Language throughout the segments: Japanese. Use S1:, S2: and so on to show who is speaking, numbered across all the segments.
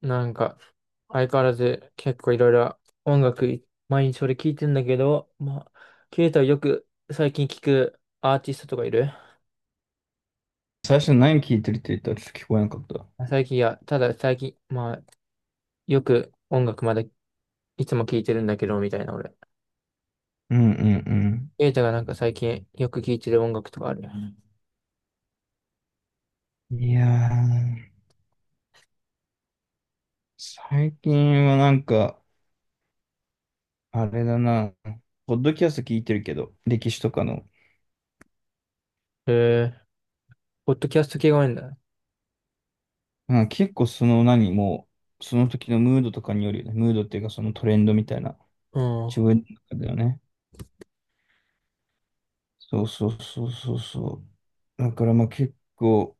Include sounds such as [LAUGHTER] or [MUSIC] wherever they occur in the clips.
S1: なんか、相変わらず結構いろいろ音楽い、毎日俺聞いてんだけど、まあ、ケイタはよく最近聞くアーティストとかいる？
S2: 最初何聞いてるって言ったらちょっと聞こえなかった。
S1: いや、ただ最近、まあ、よく音楽までいつも聞いてるんだけど、みたいな俺。
S2: うんうん
S1: ケイタがなんか最近よく聞いてる音楽とかある？
S2: うん。いやー、最近はなんか、あれだな、ポッドキャスト聞いてるけど、歴史とかの。
S1: へえ、ポッドキャスト系が多いんだ。
S2: うん、結構その何もう、その時のムードとかによるよね。ムードっていうかそのトレンドみたいな、
S1: うん。
S2: 自分の中だよね。そうそうそうそうそう。だからまあ結構、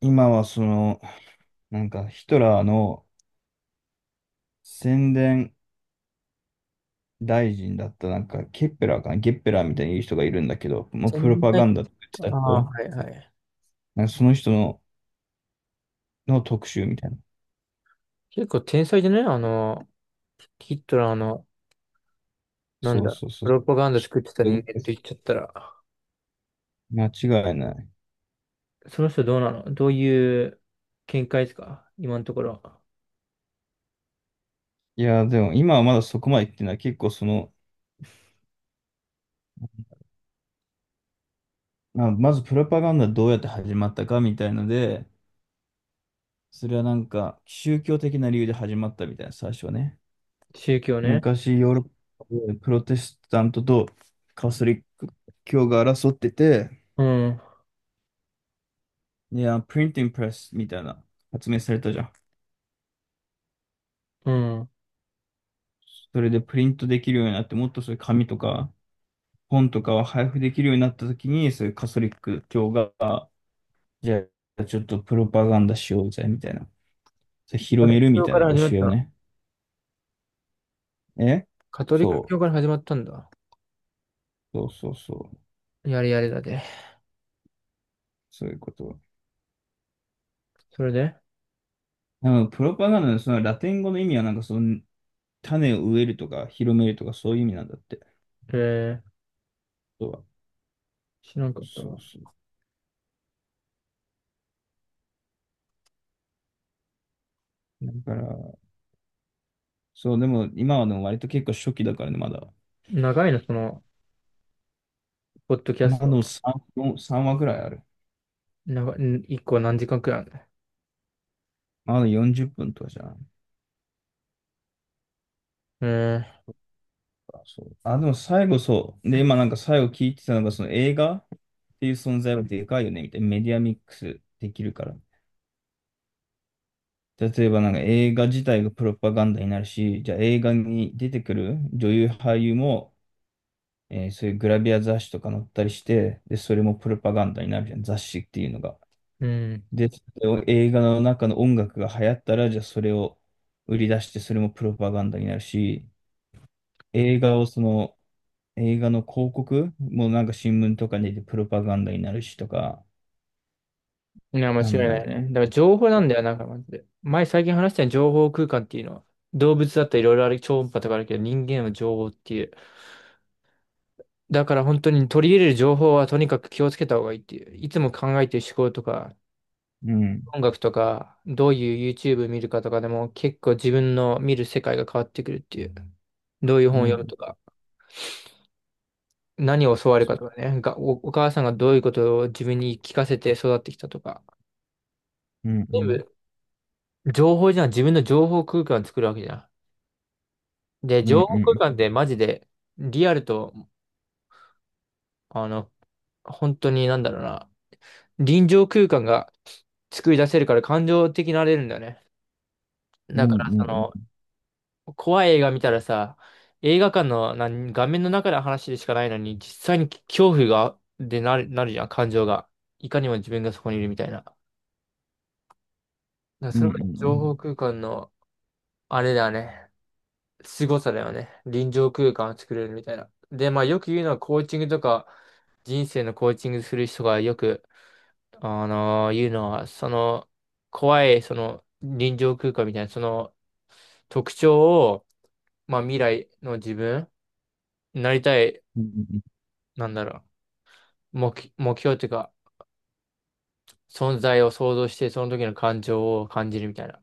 S2: 今はその、なんかヒトラーの宣伝大臣だったなんか、ケッペラーかな、ゲッペラーみたいに言う人がいるんだけど、もうプ
S1: 全
S2: ロ
S1: 然
S2: パ
S1: な
S2: ガ
S1: いけ
S2: ン
S1: ど。
S2: ダとか言ってた
S1: ああ、
S2: 人、
S1: はいはい。
S2: なんかその人の、の特集みたいな。
S1: 結構天才でね、ヒットラーの、なん
S2: そう
S1: だ、
S2: そうそ
S1: プ
S2: う。
S1: ロパガンダ作ってた人間って言っちゃったら。
S2: 間違いない。
S1: その人どうなの、どういう見解ですか、今のところ？
S2: いや、でも今はまだそこまで言ってない。結構その、まあまずプロパガンダどうやって始まったかみたいので、それはなんか宗教的な理由で始まったみたいな、最初はね。
S1: 宗教ね。
S2: 昔ヨーロッパでプロテスタントとカトリック教が争ってて、
S1: うん。
S2: いや、プリンティングプレスみたいな発明されたじゃん。
S1: うん。
S2: それでプリントできるようになって、もっとそういう紙とか本とかを配布できるようになった時に、そういうカトリック教が、じゃあちょっとプロパガンダしようぜ、みたいな。それ
S1: カ
S2: 広
S1: ト
S2: め
S1: リック
S2: るみ
S1: 教
S2: たい
S1: か
S2: な
S1: ら始まっ
S2: 教え
S1: た
S2: を
S1: の？
S2: ね。え
S1: カトリック
S2: そ
S1: 教から始まったんだ。
S2: う、そうそうそう。
S1: やれやれだで。
S2: そういうこと。
S1: それで
S2: でもプロパガンダのそのラテン語の意味はなんかその種を植えるとか広めるとかそういう意味なんだって。
S1: えー、
S2: そう
S1: 知らんかった
S2: そう
S1: わ。
S2: そう。だから、そう、でも今はでも割と結構初期だからね、まだ。
S1: 長いの、ポッドキャ
S2: ま
S1: ス
S2: あで
S1: ト？
S2: も3、話ぐらいある。
S1: 長い、ん一個何時間くらいあるの？
S2: まだ40分とかじゃん。そう。あ、でも最後そう。で、今なんか最後聞いてたのが、その映画っていう存在はでかいよね、みたいな。メディアミックスできるから。例えばなんか映画自体がプロパガンダになるし、じゃあ映画に出てくる女優俳優も、そういうグラビア雑誌とか載ったりして、で、それもプロパガンダになるじゃん、雑誌っていうのが。
S1: うん。う
S2: で、それを映画の中の音楽が流行ったら、じゃあそれを売り出して、それもプロパガンダになるし、映画をその、映画の広告もなんか新聞とかに出てプロパガンダになるしとか。
S1: ん。いや、間違
S2: な
S1: い
S2: んだ
S1: な
S2: ろ
S1: いね。だから情報な
S2: う、
S1: んだよ、なんかマジで。前最近話した情報空間っていうのは、動物だったらいろいろある、超音波とかあるけど、人間は情報っていう。だから本当に取り入れる情報はとにかく気をつけた方がいいっていう。いつも考えてる思考とか、
S2: うん、
S1: 音楽とか、どういう YouTube 見るかとかでも結構自分の見る世界が変わってくるっていう。どういう
S2: う
S1: 本を読む
S2: ん、
S1: とか、何を教わるか
S2: そう、
S1: とかね、お母さんがどういうことを自分に聞かせて育ってきたとか。
S2: うん、
S1: 全
S2: うん、
S1: 部情報じゃん。自分の情報空間を作るわけじゃん。で、
S2: う
S1: 情
S2: ん、
S1: 報
S2: う
S1: 空
S2: ん、
S1: 間ってマジでリアルと、あの、本当になんだろうな、臨場空間が作り出せるから感情的になれるんだよね。
S2: うん、
S1: だか
S2: う
S1: ら、
S2: ん、うん、
S1: 怖い映画見たらさ、映画館の画面の中の話でしかないのに、実際に恐怖が、でなるじゃん、感情が。いかにも自分がそこにいるみたいな。だから
S2: う
S1: そ
S2: ん、う
S1: れが情報
S2: ん、
S1: 空間の、あれだよね、凄さだよね。臨場空間を作れるみたいな。で、まあよく言うのはコーチングとか、人生のコーチングする人がよくいうのは、怖い、臨場空間みたいな、特徴を、まあ、未来の自分、なりたい、
S2: うん、うん、
S1: なんだろ目標っていうか、存在を想像して、その時の感情を感じるみたいな。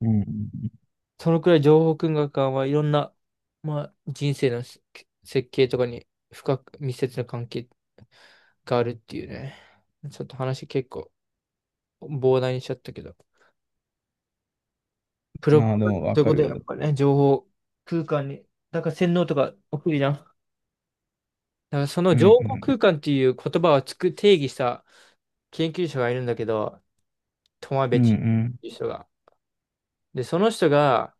S2: うん、うん。
S1: そのくらい情報空間はいろんな、まあ、人生の設計とかに深く密接な関係があるっていうね。ちょっと話結構膨大にしちゃったけど。
S2: まあで
S1: そ
S2: も
S1: う
S2: わ
S1: いう
S2: か
S1: こと
S2: る
S1: やっ
S2: けど、
S1: ぱね、情報空間に、だから洗脳とか起きるじゃん。だからその
S2: うん、
S1: 情
S2: う
S1: 報
S2: ん、
S1: 空間っていう言葉を定義した研究者がいるんだけど、トマ
S2: う
S1: ベチっ
S2: ん、
S1: ていう人が。で、その人が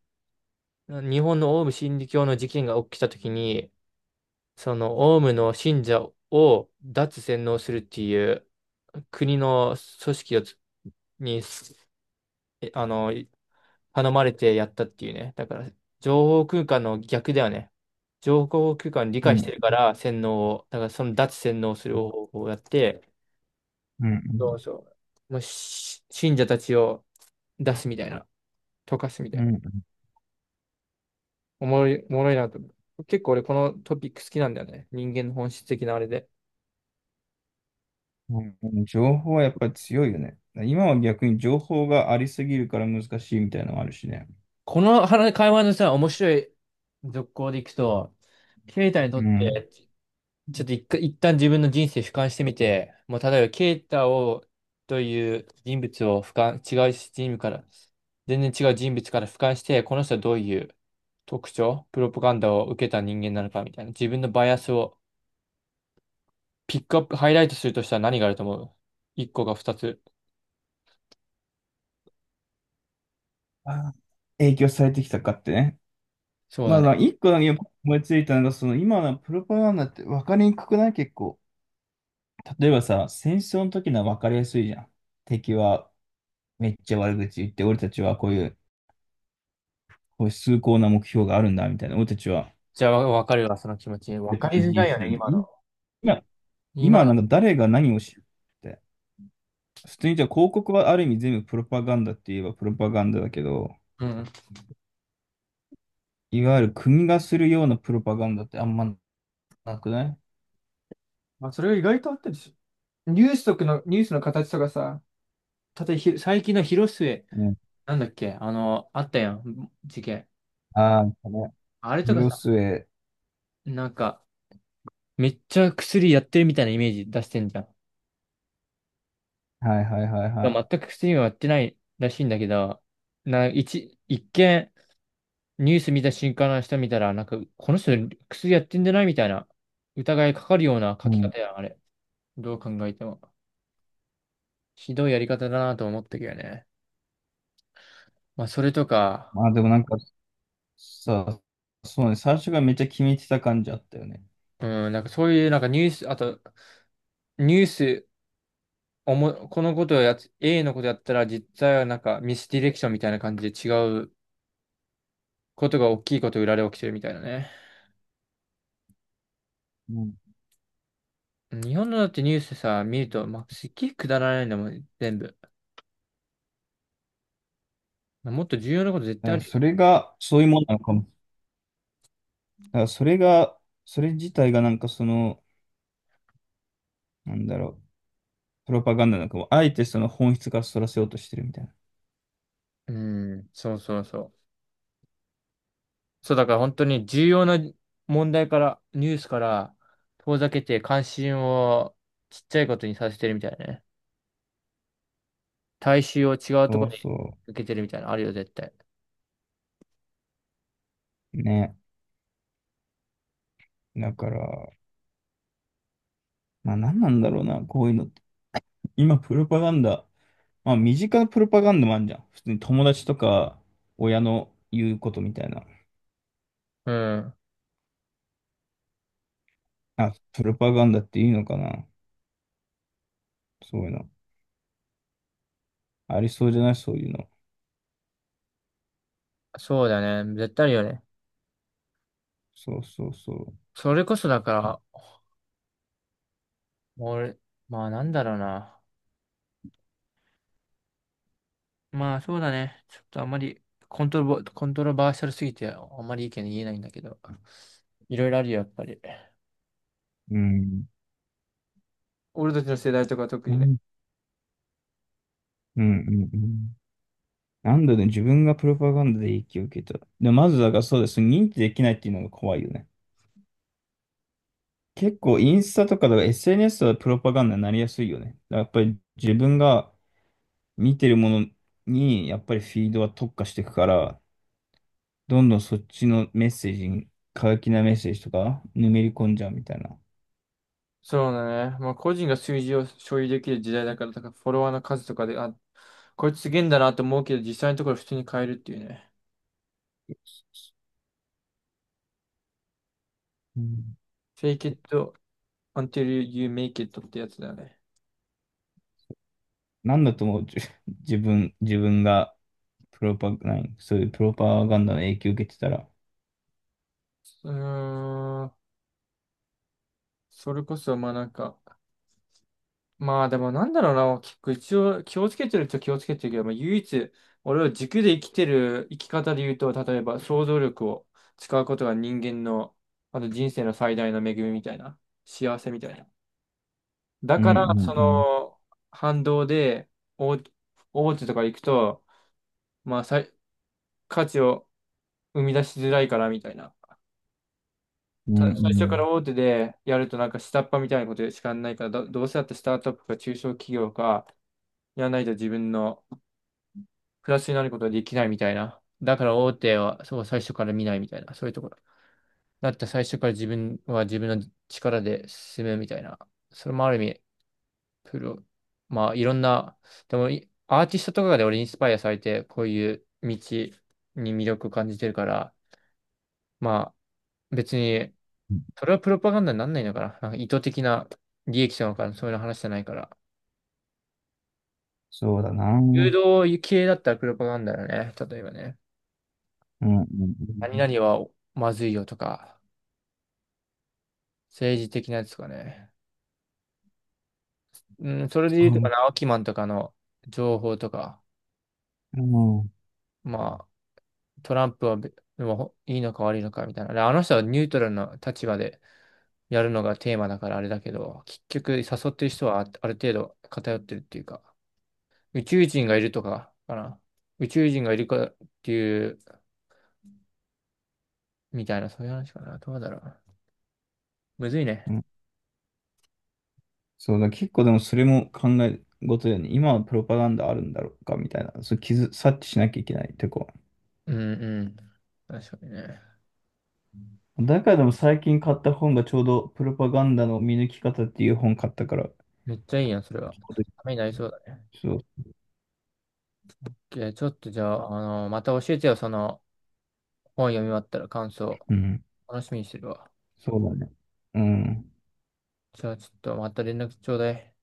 S1: 日本のオウム真理教の事件が起きたときに、そのオウムの信者を脱洗脳するっていう国の組織をつに、あの、頼まれてやったっていうね。だから、情報空間の逆だよね。情報空間を理
S2: うん、
S1: 解し
S2: うん、
S1: てるから、洗脳を、だからその脱洗脳する方法をやって、
S2: う
S1: そう
S2: ん、
S1: そう。もうし信者たちを出すみたいな、溶かすみた
S2: う
S1: いな。
S2: ん、
S1: おもろいなと思う。結構俺このトピック好きなんだよね。人間の本質的なあれで。
S2: うん。情報はやっぱり強いよね。今は逆に情報がありすぎるから難しいみたいなのもあるしね。
S1: この話会話のさ、面白い続行でいくと、ケイタにと
S2: う
S1: っ
S2: ん。
S1: てちょっと一旦自分の人生俯瞰してみて、もう例えば、ケイタを、という人物を俯瞰、違う人物から、全然違う人物から俯瞰して、この人はどういう特徴、プロパガンダを受けた人間なのかみたいな、自分のバイアスをピックアップ、ハイライトするとしたら何があると思う？一個か二つ？
S2: あ、影響されてきたかってね。
S1: そう
S2: まあ、
S1: だね。
S2: 一個だけ思いついたのが、その今のプロパガンダって分かりにくくない結構。例えばさ、戦争の時のは分かりやすいじゃん。敵はめっちゃ悪口言って、俺たちはこういう、こういう崇高な目標があるんだ、みたいな。俺たちは
S1: じゃあ、わかるわ、その気持ち。わ
S2: 別
S1: かり
S2: の
S1: づ
S2: 人
S1: らいよね、
S2: 種だみ
S1: 今
S2: たいな。
S1: の。
S2: 今、今はなん
S1: 今
S2: か誰が何を知るって。普通にじゃあ広告はある意味全部プロパガンダって言えばプロパガンダだけど、
S1: の。うん。
S2: いわゆる国がするようなプロパガンダってあんまなくない？
S1: まあ、それが意外とあったりする。ニュースの形とかさ、例えば最近の広末
S2: うん。
S1: なんだっけ、あったやん、事件。
S2: ああ、これ
S1: あれとか
S2: 広
S1: さ、
S2: 末。
S1: なんか、めっちゃ薬やってるみたいなイメージ出してんじゃん。
S2: はいはいはいは
S1: で
S2: い。
S1: も全く薬はやってないらしいんだけど、一見、ニュース見た瞬間の人見たら、なんか、この人薬やってんじゃないみたいな、疑いかかるような
S2: う
S1: 書き
S2: ん。
S1: 方やん、あれ。どう考えても。ひどいやり方だなと思ったけどね。まあ、それとか、
S2: まあでもなんかさ、そうね、最初がめっちゃ決めてた感じあったよね。
S1: うん、なんかそういう、なんかニュース、おも、このことをやつ、A のことやったら実際はなんかミスディレクションみたいな感じで違うことが大きいこと裏で起きてるみたいなね。
S2: うん。
S1: 日本のだってニュースさ、見ると、まあ、すっげえくだらないんだもん、全部。もっと重要なこと絶
S2: だ
S1: 対
S2: か
S1: あ
S2: ら
S1: るよ。
S2: それが、そういうものなのかも。だからそれが、それ自体がなんかその、なんだろう、プロパガンダなのかも。あえてその本質からそらせようとしてるみたいな。
S1: うん、そうそうそう。そう、だから本当に重要な問題から、ニュースから遠ざけて関心をちっちゃいことにさせてるみたいなね。大衆を違うとこ
S2: そう
S1: ろに
S2: そ
S1: 受けてるみたいなのあるよ、絶対。
S2: う。ね。だから、まあ何なんだろうな、こういうのって。今、プロパガンダ、まあ身近なプロパガンダもあるじゃん。普通に友達とか、親の言うことみたいな。
S1: うん、
S2: あ、プロパガンダっていうのかな。そういうの。ありそうじゃないそういうの。
S1: そうだね。絶対あるよね。
S2: そうそうそう。
S1: それこそだから、俺、まあなんだろうな。まあそうだね。ちょっとあんまりコントロバーシャルすぎてあんまり意見言えないんだけど。いろいろあるよ、やっぱり。
S2: うん。
S1: 俺たちの世代とか特
S2: う
S1: にね。
S2: ん、うん、うん。うん、なんだね、自分がプロパガンダで影響を受けた。で、まずだからそうです。認知できないっていうのが怖いよね。結構インスタとかだから SNS はプロパガンダになりやすいよね。だからやっぱり自分が見てるものにやっぱりフィードは特化していくから、どんどんそっちのメッセージに、過激なメッセージとか、ぬめり込んじゃうみたいな。
S1: そうだね。まあ個人が数字を所有できる時代だから、だからフォロワーの数とかで、あ、こいつすげえんだなと思うけど、実際のところ普通に変えるっていうね。
S2: うん、
S1: Fake it until you make it ってやつだよね。
S2: なんだと思う、[LAUGHS] 自分がプロパ、ない、そういうプロパガンダの影響を受けてたら、
S1: うーん。それこそ、まあなんか、まあでもなんだろうな、結構一応気をつけてるっちゃ気をつけてるけど、まあ、唯一俺は軸で生きてる生き方で言うと、例えば想像力を使うことが人間の、あと人生の最大の恵みみたいな、幸せみたいな。だ
S2: う
S1: か
S2: んう
S1: ら
S2: ん
S1: そ
S2: うん、
S1: の反動で大、大手とか行くと、まあ価値を生み出しづらいからみたいな。
S2: うんう
S1: 最初から
S2: ん。
S1: 大手でやるとなんか下っ端みたいなことしかやらないから、どうせだってスタートアップか中小企業かやらないと自分のプラスになることができないみたいな。だから大手はそう最初から見ないみたいな。そういうところ。だって最初から自分は自分の力で進むみたいな。それもある意味、プロ。まあいろんな、でもアーティストとかで俺インスパイアされて、こういう道に魅力を感じてるから、まあ別に、それはプロパガンダになんないのかな。なんか意図的な利益者なのかな、そういう話じゃないから。
S2: そうだな。う
S1: 誘
S2: ん
S1: 導系だったらプロパガンダだね。例えばね。
S2: うんう
S1: 何
S2: ん。
S1: 々はまずいよとか。政治的なやつとかね。うん、それで言
S2: そ
S1: うとか
S2: う、
S1: な、アキマンとかの情報とか、
S2: うん
S1: まあ、トランプはべでもほいいのか悪いのかみたいな。であの人はニュートラルな立場でやるのがテーマだからあれだけど、結局誘ってる人はある程度偏ってるっていうか、宇宙人がいるとかかな。宇宙人がいるかっていう、みたいな、そういう話かな。どうだろう。むずい
S2: う
S1: ね。
S2: ん。そうだ、結構でもそれも考え事だよね。今はプロパガンダあるんだろうかみたいな、そう察知しなきゃいけないとこ。
S1: うんうん。確かにね。
S2: 中でも最近買った本がちょうどプロパガンダの見抜き方っていう本買ったから、ち
S1: めっちゃいいやん、それは。
S2: ょうど
S1: ためになりそうだね。
S2: そう、
S1: いやちょっとじゃあ、また教えてよ、本読み終わったら感想、
S2: うん、
S1: 楽しみにしてるわ。
S2: そうだね。うん。
S1: じゃあちょっとまた連絡ちょうだい。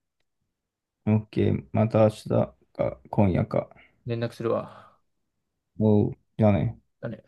S2: OK、また明日か今夜か。
S1: 連絡するわ。
S2: おう、じゃあね。
S1: だね。